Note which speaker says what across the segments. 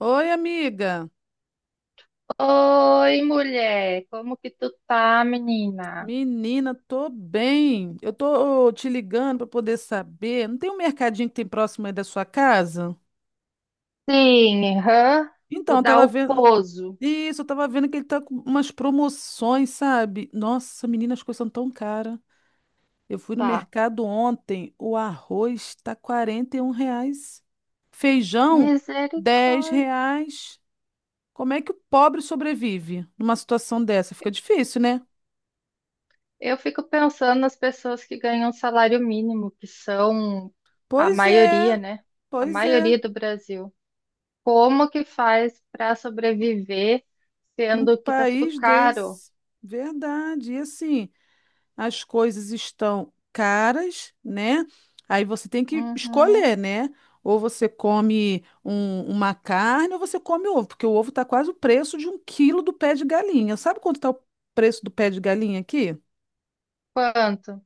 Speaker 1: Oi, amiga.
Speaker 2: Oi, mulher, como que tu tá, menina?
Speaker 1: Menina, tô bem. Eu tô te ligando para poder saber. Não tem um mercadinho que tem próximo aí da sua casa?
Speaker 2: Sim, hã?
Speaker 1: Então,
Speaker 2: Vou
Speaker 1: eu
Speaker 2: dar
Speaker 1: tava
Speaker 2: o
Speaker 1: vendo.
Speaker 2: pouso,
Speaker 1: Isso, eu tava vendo que ele tá com umas promoções, sabe? Nossa, menina, as coisas são tão caras. Eu fui no
Speaker 2: tá?
Speaker 1: mercado ontem, o arroz tá R$ 41. Feijão, 10
Speaker 2: Misericórdia.
Speaker 1: reais. Como é que o pobre sobrevive numa situação dessa? Fica difícil, né?
Speaker 2: Eu fico pensando nas pessoas que ganham salário mínimo, que são a
Speaker 1: Pois
Speaker 2: maioria,
Speaker 1: é,
Speaker 2: né? A
Speaker 1: pois é.
Speaker 2: maioria do Brasil. Como que faz para sobreviver,
Speaker 1: Num
Speaker 2: sendo que tá tudo
Speaker 1: país
Speaker 2: caro?
Speaker 1: desse, verdade. E assim, as coisas estão caras, né? Aí você tem que
Speaker 2: Uhum.
Speaker 1: escolher, né? Ou você come uma carne ou você come ovo, porque o ovo está quase o preço de um quilo do pé de galinha. Sabe quanto está o preço do pé de galinha aqui?
Speaker 2: Quanto?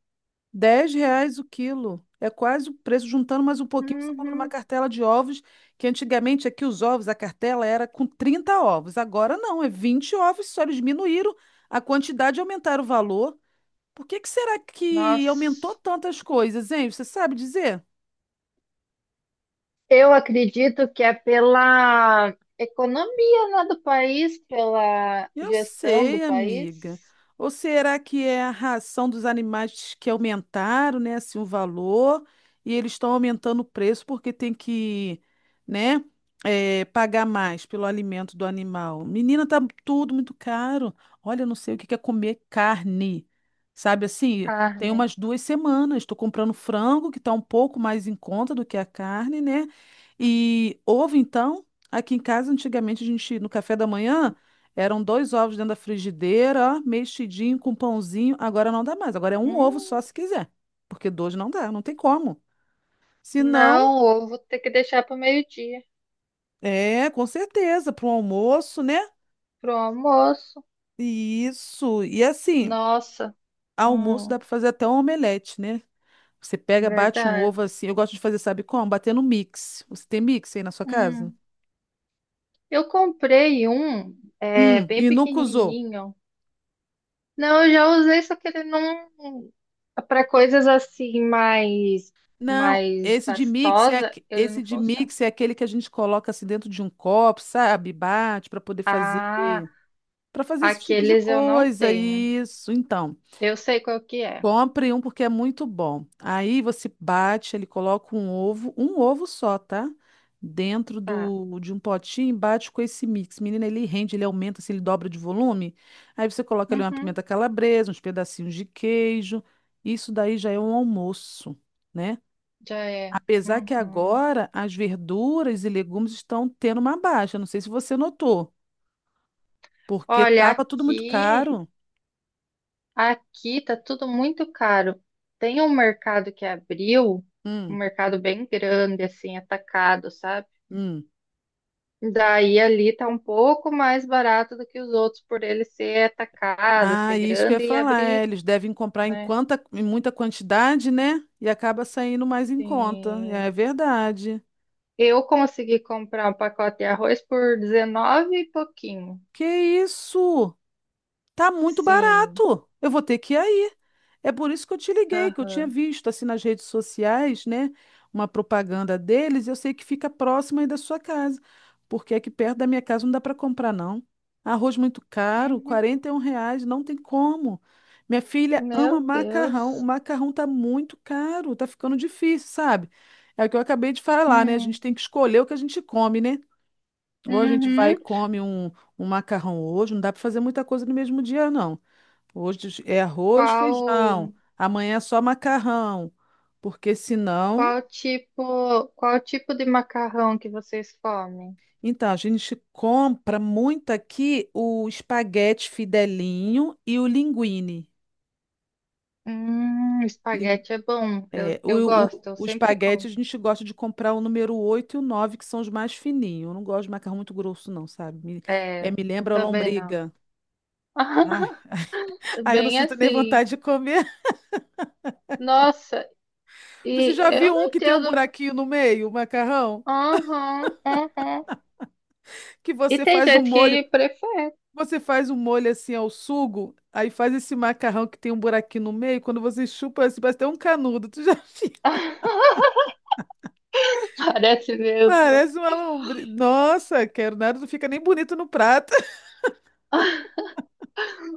Speaker 1: R$ 10 o quilo. É quase o preço. Juntando mais um pouquinho, você compra uma
Speaker 2: Uhum.
Speaker 1: cartela de ovos, que antigamente aqui os ovos, a cartela era com 30 ovos. Agora não, é 20 ovos, só eles diminuíram a quantidade e aumentaram o valor. Por que que será que aumentou
Speaker 2: Nossa.
Speaker 1: tantas coisas, hein? Você sabe dizer?
Speaker 2: Eu acredito que é pela economia, né, do país, pela
Speaker 1: Eu
Speaker 2: gestão do
Speaker 1: sei,
Speaker 2: país.
Speaker 1: amiga. Ou será que é a ração dos animais que aumentaram, né, assim, o valor e eles estão aumentando o preço porque tem que, né, pagar mais pelo alimento do animal? Menina, tá tudo muito caro. Olha, eu não sei o que que é comer carne. Sabe assim, tem
Speaker 2: Carne.
Speaker 1: umas 2 semanas, estou comprando frango, que está um pouco mais em conta do que a carne, né? E ovo, então, aqui em casa, antigamente, a gente, no café da manhã. Eram dois ovos dentro da frigideira, ó, mexidinho com pãozinho. Agora não dá mais. Agora é um ovo só
Speaker 2: Hum,
Speaker 1: se quiser. Porque dois não dá, não tem como. Se não,
Speaker 2: não, ovo vou ter que deixar para o meio-dia,
Speaker 1: é, com certeza, para um almoço, né?
Speaker 2: pro almoço.
Speaker 1: Isso. E assim,
Speaker 2: Nossa,
Speaker 1: almoço
Speaker 2: hum,
Speaker 1: dá para fazer até um omelete, né? Você pega, bate um
Speaker 2: verdade.
Speaker 1: ovo assim. Eu gosto de fazer, sabe como? Bater no mix. Você tem mix aí na sua casa?
Speaker 2: Hum, eu comprei um, bem
Speaker 1: E nunca usou.
Speaker 2: pequenininho. Não, eu já usei, só que ele não. Para coisas assim mais,
Speaker 1: Não,
Speaker 2: mais pastosa, ele
Speaker 1: esse
Speaker 2: não
Speaker 1: de
Speaker 2: funciona.
Speaker 1: mix é aquele que a gente coloca assim dentro de um copo, sabe? Bate para poder fazer
Speaker 2: Ah,
Speaker 1: para fazer esse tipo de
Speaker 2: aqueles eu não
Speaker 1: coisa,
Speaker 2: tenho.
Speaker 1: isso. Então,
Speaker 2: Eu sei qual que é.
Speaker 1: compre um porque é muito bom. Aí você bate, ele coloca um ovo só, tá? Dentro
Speaker 2: Tá.
Speaker 1: do, de um potinho, bate com esse mix. Menina, ele rende, ele aumenta, assim, ele dobra de volume. Aí você coloca ali uma
Speaker 2: Uhum,
Speaker 1: pimenta calabresa, uns pedacinhos de queijo. Isso daí já é um almoço, né?
Speaker 2: já é.
Speaker 1: Apesar que
Speaker 2: Uhum.
Speaker 1: agora as verduras e legumes estão tendo uma baixa. Não sei se você notou, porque
Speaker 2: Olha,
Speaker 1: estava tudo muito
Speaker 2: aqui,
Speaker 1: caro.
Speaker 2: aqui tá tudo muito caro. Tem um mercado que abriu, um
Speaker 1: Hum,
Speaker 2: mercado bem grande, assim, atacado, sabe?
Speaker 1: hum.
Speaker 2: Daí ali tá um pouco mais barato do que os outros, por ele ser atacado, ser
Speaker 1: Ah, isso que eu ia
Speaker 2: grande e
Speaker 1: falar.
Speaker 2: abrir,
Speaker 1: É, eles devem comprar
Speaker 2: né?
Speaker 1: em muita quantidade, né? E acaba saindo mais em conta. É
Speaker 2: Sim.
Speaker 1: verdade.
Speaker 2: Eu consegui comprar um pacote de arroz por 19 e pouquinho.
Speaker 1: Que isso? Tá muito
Speaker 2: Sim.
Speaker 1: barato. Eu vou ter que ir aí. É por isso que eu te liguei, que eu tinha
Speaker 2: Aham.
Speaker 1: visto assim nas redes sociais, né, uma propaganda deles, e eu sei que fica próximo aí da sua casa, porque aqui perto da minha casa não dá para comprar não. Arroz muito caro,
Speaker 2: Uhum.
Speaker 1: R$ 41, não tem como. Minha filha ama
Speaker 2: Meu
Speaker 1: macarrão, o
Speaker 2: Deus.
Speaker 1: macarrão tá muito caro, tá ficando difícil, sabe? É o que eu acabei de falar, né? A
Speaker 2: Hum,
Speaker 1: gente tem que escolher o que a gente come, né? Ou a gente vai e
Speaker 2: uhum.
Speaker 1: come um macarrão hoje, não dá para fazer muita coisa no mesmo dia, não. Hoje é arroz, feijão.
Speaker 2: Qual,
Speaker 1: Amanhã é só macarrão. Porque senão.
Speaker 2: qual tipo de macarrão que vocês comem?
Speaker 1: Então, a gente compra muito aqui o espaguete fidelinho e o linguine. Lin-
Speaker 2: Espaguete é bom, eu,
Speaker 1: é,
Speaker 2: eu
Speaker 1: o,
Speaker 2: gosto,
Speaker 1: o,
Speaker 2: eu
Speaker 1: o
Speaker 2: sempre
Speaker 1: espaguete
Speaker 2: como.
Speaker 1: a gente gosta de comprar o número oito e o 9, que são os mais fininhos. Eu não gosto de macarrão muito grosso, não, sabe? Me,
Speaker 2: É,
Speaker 1: é, me
Speaker 2: eu
Speaker 1: lembra a
Speaker 2: também não.
Speaker 1: lombriga. Ai, ai, eu não
Speaker 2: Bem
Speaker 1: sinto nem
Speaker 2: assim.
Speaker 1: vontade de comer.
Speaker 2: Nossa,
Speaker 1: Você
Speaker 2: e
Speaker 1: já
Speaker 2: eu
Speaker 1: viu
Speaker 2: não
Speaker 1: um que tem um
Speaker 2: entendo.
Speaker 1: buraquinho no meio, o macarrão?
Speaker 2: Uhum, uhum.
Speaker 1: Que
Speaker 2: E
Speaker 1: você
Speaker 2: tem
Speaker 1: faz o
Speaker 2: gente
Speaker 1: molho.
Speaker 2: que prefere
Speaker 1: Você faz um molho assim ao sugo, aí faz esse macarrão que tem um buraquinho no meio, quando você chupa, assim, parece até um canudo. Tu já viu?
Speaker 2: parece mesmo
Speaker 1: Parece uma lombriz. Nossa, quero nada, não fica nem bonito no prato.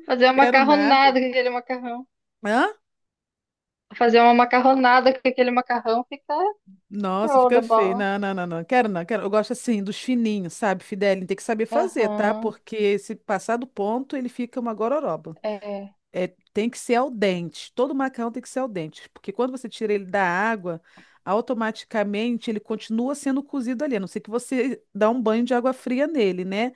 Speaker 2: fazer uma
Speaker 1: Quero nada.
Speaker 2: macarronada com aquele macarrão.
Speaker 1: Hã?
Speaker 2: Fazer uma macarronada com aquele macarrão fica
Speaker 1: Nossa, fica feio.
Speaker 2: Rollerball.
Speaker 1: Não, não, não, não. Quero não, quero. Eu gosto assim dos fininhos, sabe, Fidelinho? Tem que saber fazer, tá?
Speaker 2: Aham,
Speaker 1: Porque se passar do ponto, ele fica uma gororoba.
Speaker 2: é.
Speaker 1: É, tem que ser al dente. Todo macarrão tem que ser al dente, porque quando você tira ele da água, automaticamente ele continua sendo cozido ali, a não ser que você dá um banho de água fria nele, né?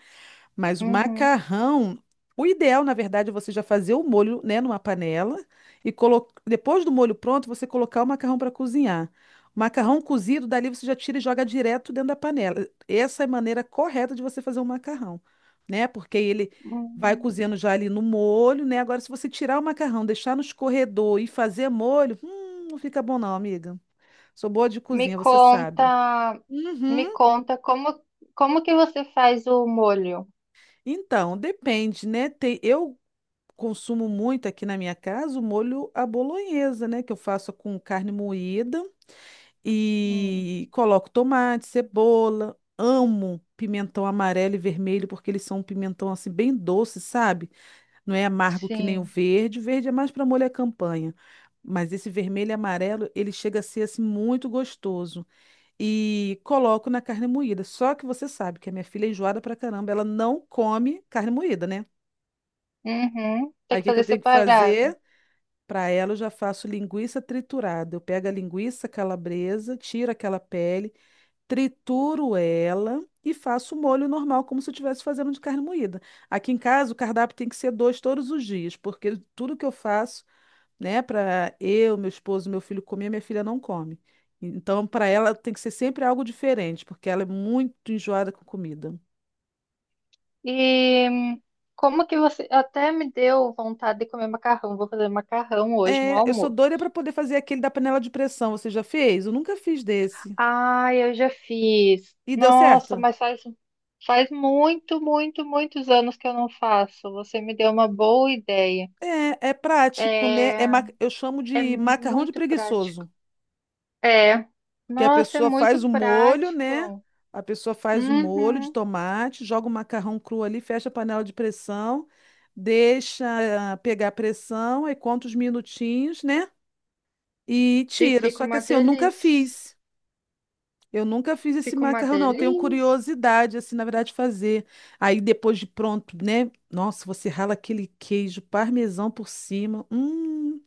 Speaker 1: Mas o
Speaker 2: Uhum.
Speaker 1: macarrão, o ideal, na verdade, é você já fazer o molho, né, numa panela e colo... depois do molho pronto, você colocar o macarrão para cozinhar. O macarrão cozido, dali você já tira e joga direto dentro da panela. Essa é a maneira correta de você fazer um macarrão, né? Porque ele vai
Speaker 2: Hum.
Speaker 1: cozendo já ali no molho, né? Agora, se você tirar o macarrão, deixar no escorredor e fazer molho, não fica bom não, amiga. Sou boa de
Speaker 2: Me
Speaker 1: cozinha, você
Speaker 2: conta,
Speaker 1: sabe.
Speaker 2: me
Speaker 1: Uhum.
Speaker 2: conta como, como que você faz o molho?
Speaker 1: Então, depende, né? Tem, eu consumo muito aqui na minha casa o molho à bolonhesa, né? Que eu faço com carne moída
Speaker 2: Hum,
Speaker 1: e coloco tomate, cebola. Amo pimentão amarelo e vermelho porque eles são um pimentão assim bem doce, sabe? Não é amargo que nem o
Speaker 2: sim.
Speaker 1: verde. O verde é mais para molho à campanha. Mas esse vermelho e amarelo, ele chega a ser assim muito gostoso. E coloco na carne moída. Só que você sabe que a minha filha é enjoada pra caramba, ela não come carne moída, né?
Speaker 2: Uhum. Tem
Speaker 1: Aí o
Speaker 2: que
Speaker 1: que que eu
Speaker 2: fazer
Speaker 1: tenho que
Speaker 2: separado.
Speaker 1: fazer? Para ela, eu já faço linguiça triturada. Eu pego a linguiça calabresa, tiro aquela pele, trituro ela e faço o molho normal, como se eu estivesse fazendo de carne moída. Aqui em casa, o cardápio tem que ser dois todos os dias, porque tudo que eu faço, né, para eu, meu esposo, meu filho comer, minha filha não come. Então, para ela, tem que ser sempre algo diferente, porque ela é muito enjoada com comida.
Speaker 2: E hum, como que você até me deu vontade de comer macarrão. Vou fazer macarrão hoje no
Speaker 1: É, eu sou
Speaker 2: almoço.
Speaker 1: doida para poder fazer aquele da panela de pressão. Você já fez? Eu nunca fiz desse.
Speaker 2: Ah, eu já fiz.
Speaker 1: E deu certo?
Speaker 2: Nossa, mas faz muito, muito, muitos anos que eu não faço. Você me deu uma boa ideia.
Speaker 1: É, é prático, né?
Speaker 2: É,
Speaker 1: Eu chamo
Speaker 2: é
Speaker 1: de macarrão de
Speaker 2: muito prático.
Speaker 1: preguiçoso,
Speaker 2: É.
Speaker 1: porque a
Speaker 2: Nossa, é
Speaker 1: pessoa
Speaker 2: muito
Speaker 1: faz o molho, né?
Speaker 2: prático.
Speaker 1: A pessoa faz o molho de
Speaker 2: Uhum.
Speaker 1: tomate, joga o macarrão cru ali, fecha a panela de pressão, deixa pegar a pressão, aí conta os minutinhos, né? E
Speaker 2: E
Speaker 1: tira.
Speaker 2: fica
Speaker 1: Só que
Speaker 2: uma
Speaker 1: assim, eu nunca
Speaker 2: delícia.
Speaker 1: fiz. Eu nunca fiz esse
Speaker 2: Fica uma
Speaker 1: macarrão, não. Eu tenho
Speaker 2: delícia.
Speaker 1: curiosidade, assim, na verdade, de fazer. Aí depois de pronto, né? Nossa, você rala aquele queijo parmesão por cima. Hum.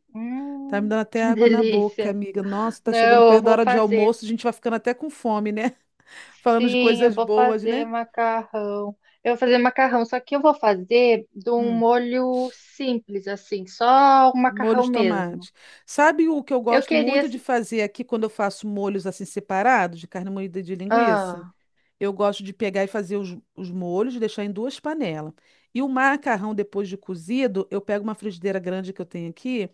Speaker 1: Tá me dando até
Speaker 2: Que
Speaker 1: água na boca,
Speaker 2: delícia.
Speaker 1: amiga. Nossa, tá chegando
Speaker 2: Não, eu
Speaker 1: perto da
Speaker 2: vou
Speaker 1: hora de
Speaker 2: fazer.
Speaker 1: almoço, a gente vai ficando até com fome, né? Falando de
Speaker 2: Sim, eu
Speaker 1: coisas
Speaker 2: vou
Speaker 1: boas,
Speaker 2: fazer
Speaker 1: né?
Speaker 2: macarrão. Eu vou fazer macarrão, só que eu vou fazer de um
Speaker 1: Hum,
Speaker 2: molho simples, assim, só o
Speaker 1: molho
Speaker 2: macarrão
Speaker 1: de
Speaker 2: mesmo.
Speaker 1: tomate. Sabe o que eu
Speaker 2: Eu
Speaker 1: gosto
Speaker 2: queria.
Speaker 1: muito de fazer aqui quando eu faço molhos assim separados, de carne moída e de linguiça?
Speaker 2: Ah,
Speaker 1: Eu gosto de pegar e fazer os molhos, deixar em duas panelas. E o macarrão, depois de cozido, eu pego uma frigideira grande que eu tenho aqui,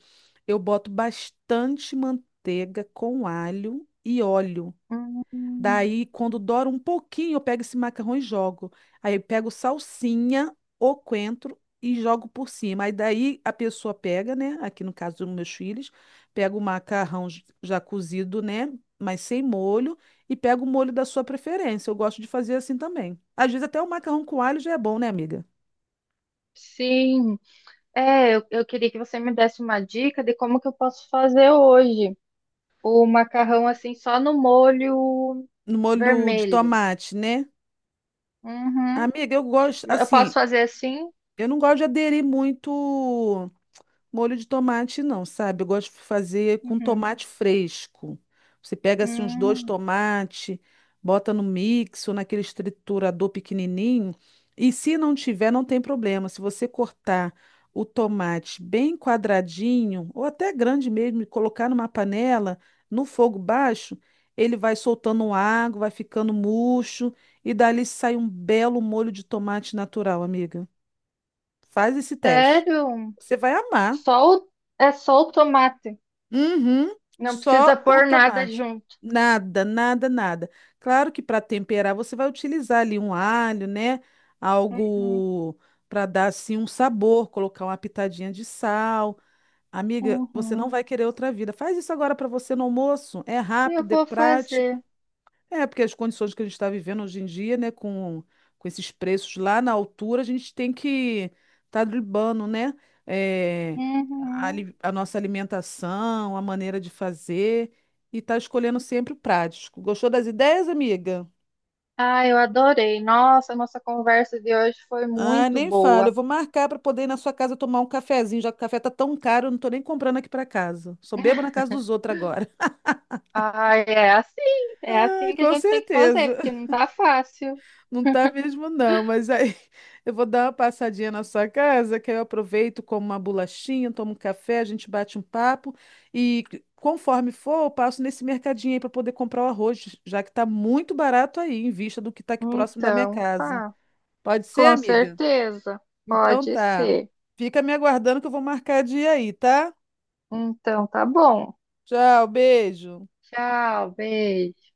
Speaker 1: eu boto bastante manteiga com alho e óleo.
Speaker 2: hum,
Speaker 1: Daí, quando dora um pouquinho, eu pego esse macarrão e jogo. Aí eu pego salsinha, ou coentro e jogo por cima. Aí daí a pessoa pega, né? Aqui no caso dos meus filhos, pega o macarrão já cozido, né? Mas sem molho, e pega o molho da sua preferência. Eu gosto de fazer assim também. Às vezes até o macarrão com alho já é bom, né, amiga?
Speaker 2: sim. É, eu queria que você me desse uma dica de como que eu posso fazer hoje o macarrão assim só no molho
Speaker 1: No molho de
Speaker 2: vermelho.
Speaker 1: tomate, né?
Speaker 2: Uhum.
Speaker 1: Amiga, eu gosto,
Speaker 2: Eu posso
Speaker 1: assim,
Speaker 2: fazer assim?
Speaker 1: eu não gosto de aderir muito. Molho de tomate não, sabe? Eu gosto de fazer com
Speaker 2: Uhum.
Speaker 1: tomate fresco. Você pega assim uns dois
Speaker 2: Hum,
Speaker 1: tomates, bota no mix ou naquele triturador pequenininho. E se não tiver, não tem problema. Se você cortar o tomate bem quadradinho ou até grande mesmo e colocar numa panela no fogo baixo, ele vai soltando água, vai ficando murcho e dali sai um belo molho de tomate natural, amiga. Faz esse teste.
Speaker 2: sério?
Speaker 1: Você vai amar.
Speaker 2: Só o, é só o tomate.
Speaker 1: Uhum,
Speaker 2: Não precisa
Speaker 1: só o
Speaker 2: pôr nada
Speaker 1: tomate.
Speaker 2: junto.
Speaker 1: Nada, nada, nada. Claro que para temperar você vai utilizar ali um alho, né?
Speaker 2: Uhum.
Speaker 1: Algo para dar assim um sabor, colocar uma pitadinha de sal. Amiga, você não
Speaker 2: Uhum.
Speaker 1: vai querer outra vida. Faz isso agora para você no almoço. É
Speaker 2: Eu
Speaker 1: rápido, é
Speaker 2: vou
Speaker 1: prático.
Speaker 2: fazer.
Speaker 1: É, porque as condições que a gente está vivendo hoje em dia, né, com esses preços lá na altura, a gente tem que estar tá dribando, né, é, a,
Speaker 2: Uhum.
Speaker 1: ali- a nossa alimentação, a maneira de fazer e tá escolhendo sempre o prático. Gostou das ideias, amiga?
Speaker 2: Ah, eu adorei. Nossa, nossa conversa de hoje foi
Speaker 1: Ah,
Speaker 2: muito
Speaker 1: nem falo. Eu
Speaker 2: boa.
Speaker 1: vou marcar para poder ir na sua casa tomar um cafezinho, já que o café tá tão caro, eu não tô nem comprando aqui para casa. Só bebo na casa dos outros agora.
Speaker 2: Ah, é
Speaker 1: Ah,
Speaker 2: assim que a
Speaker 1: com
Speaker 2: gente tem que fazer,
Speaker 1: certeza.
Speaker 2: porque não tá fácil.
Speaker 1: Não tá mesmo, não, mas aí eu vou dar uma passadinha na sua casa, que aí eu aproveito, como uma bolachinha, tomo um café, a gente bate um papo e conforme for, eu passo nesse mercadinho aí para poder comprar o arroz, já que tá muito barato aí, em vista do que tá aqui próximo da minha
Speaker 2: Então,
Speaker 1: casa.
Speaker 2: tá,
Speaker 1: Pode ser,
Speaker 2: com
Speaker 1: amiga?
Speaker 2: certeza,
Speaker 1: Então
Speaker 2: pode
Speaker 1: tá.
Speaker 2: ser.
Speaker 1: Fica me aguardando que eu vou marcar dia aí, tá?
Speaker 2: Então, tá bom.
Speaker 1: Tchau, beijo.
Speaker 2: Tchau, beijo.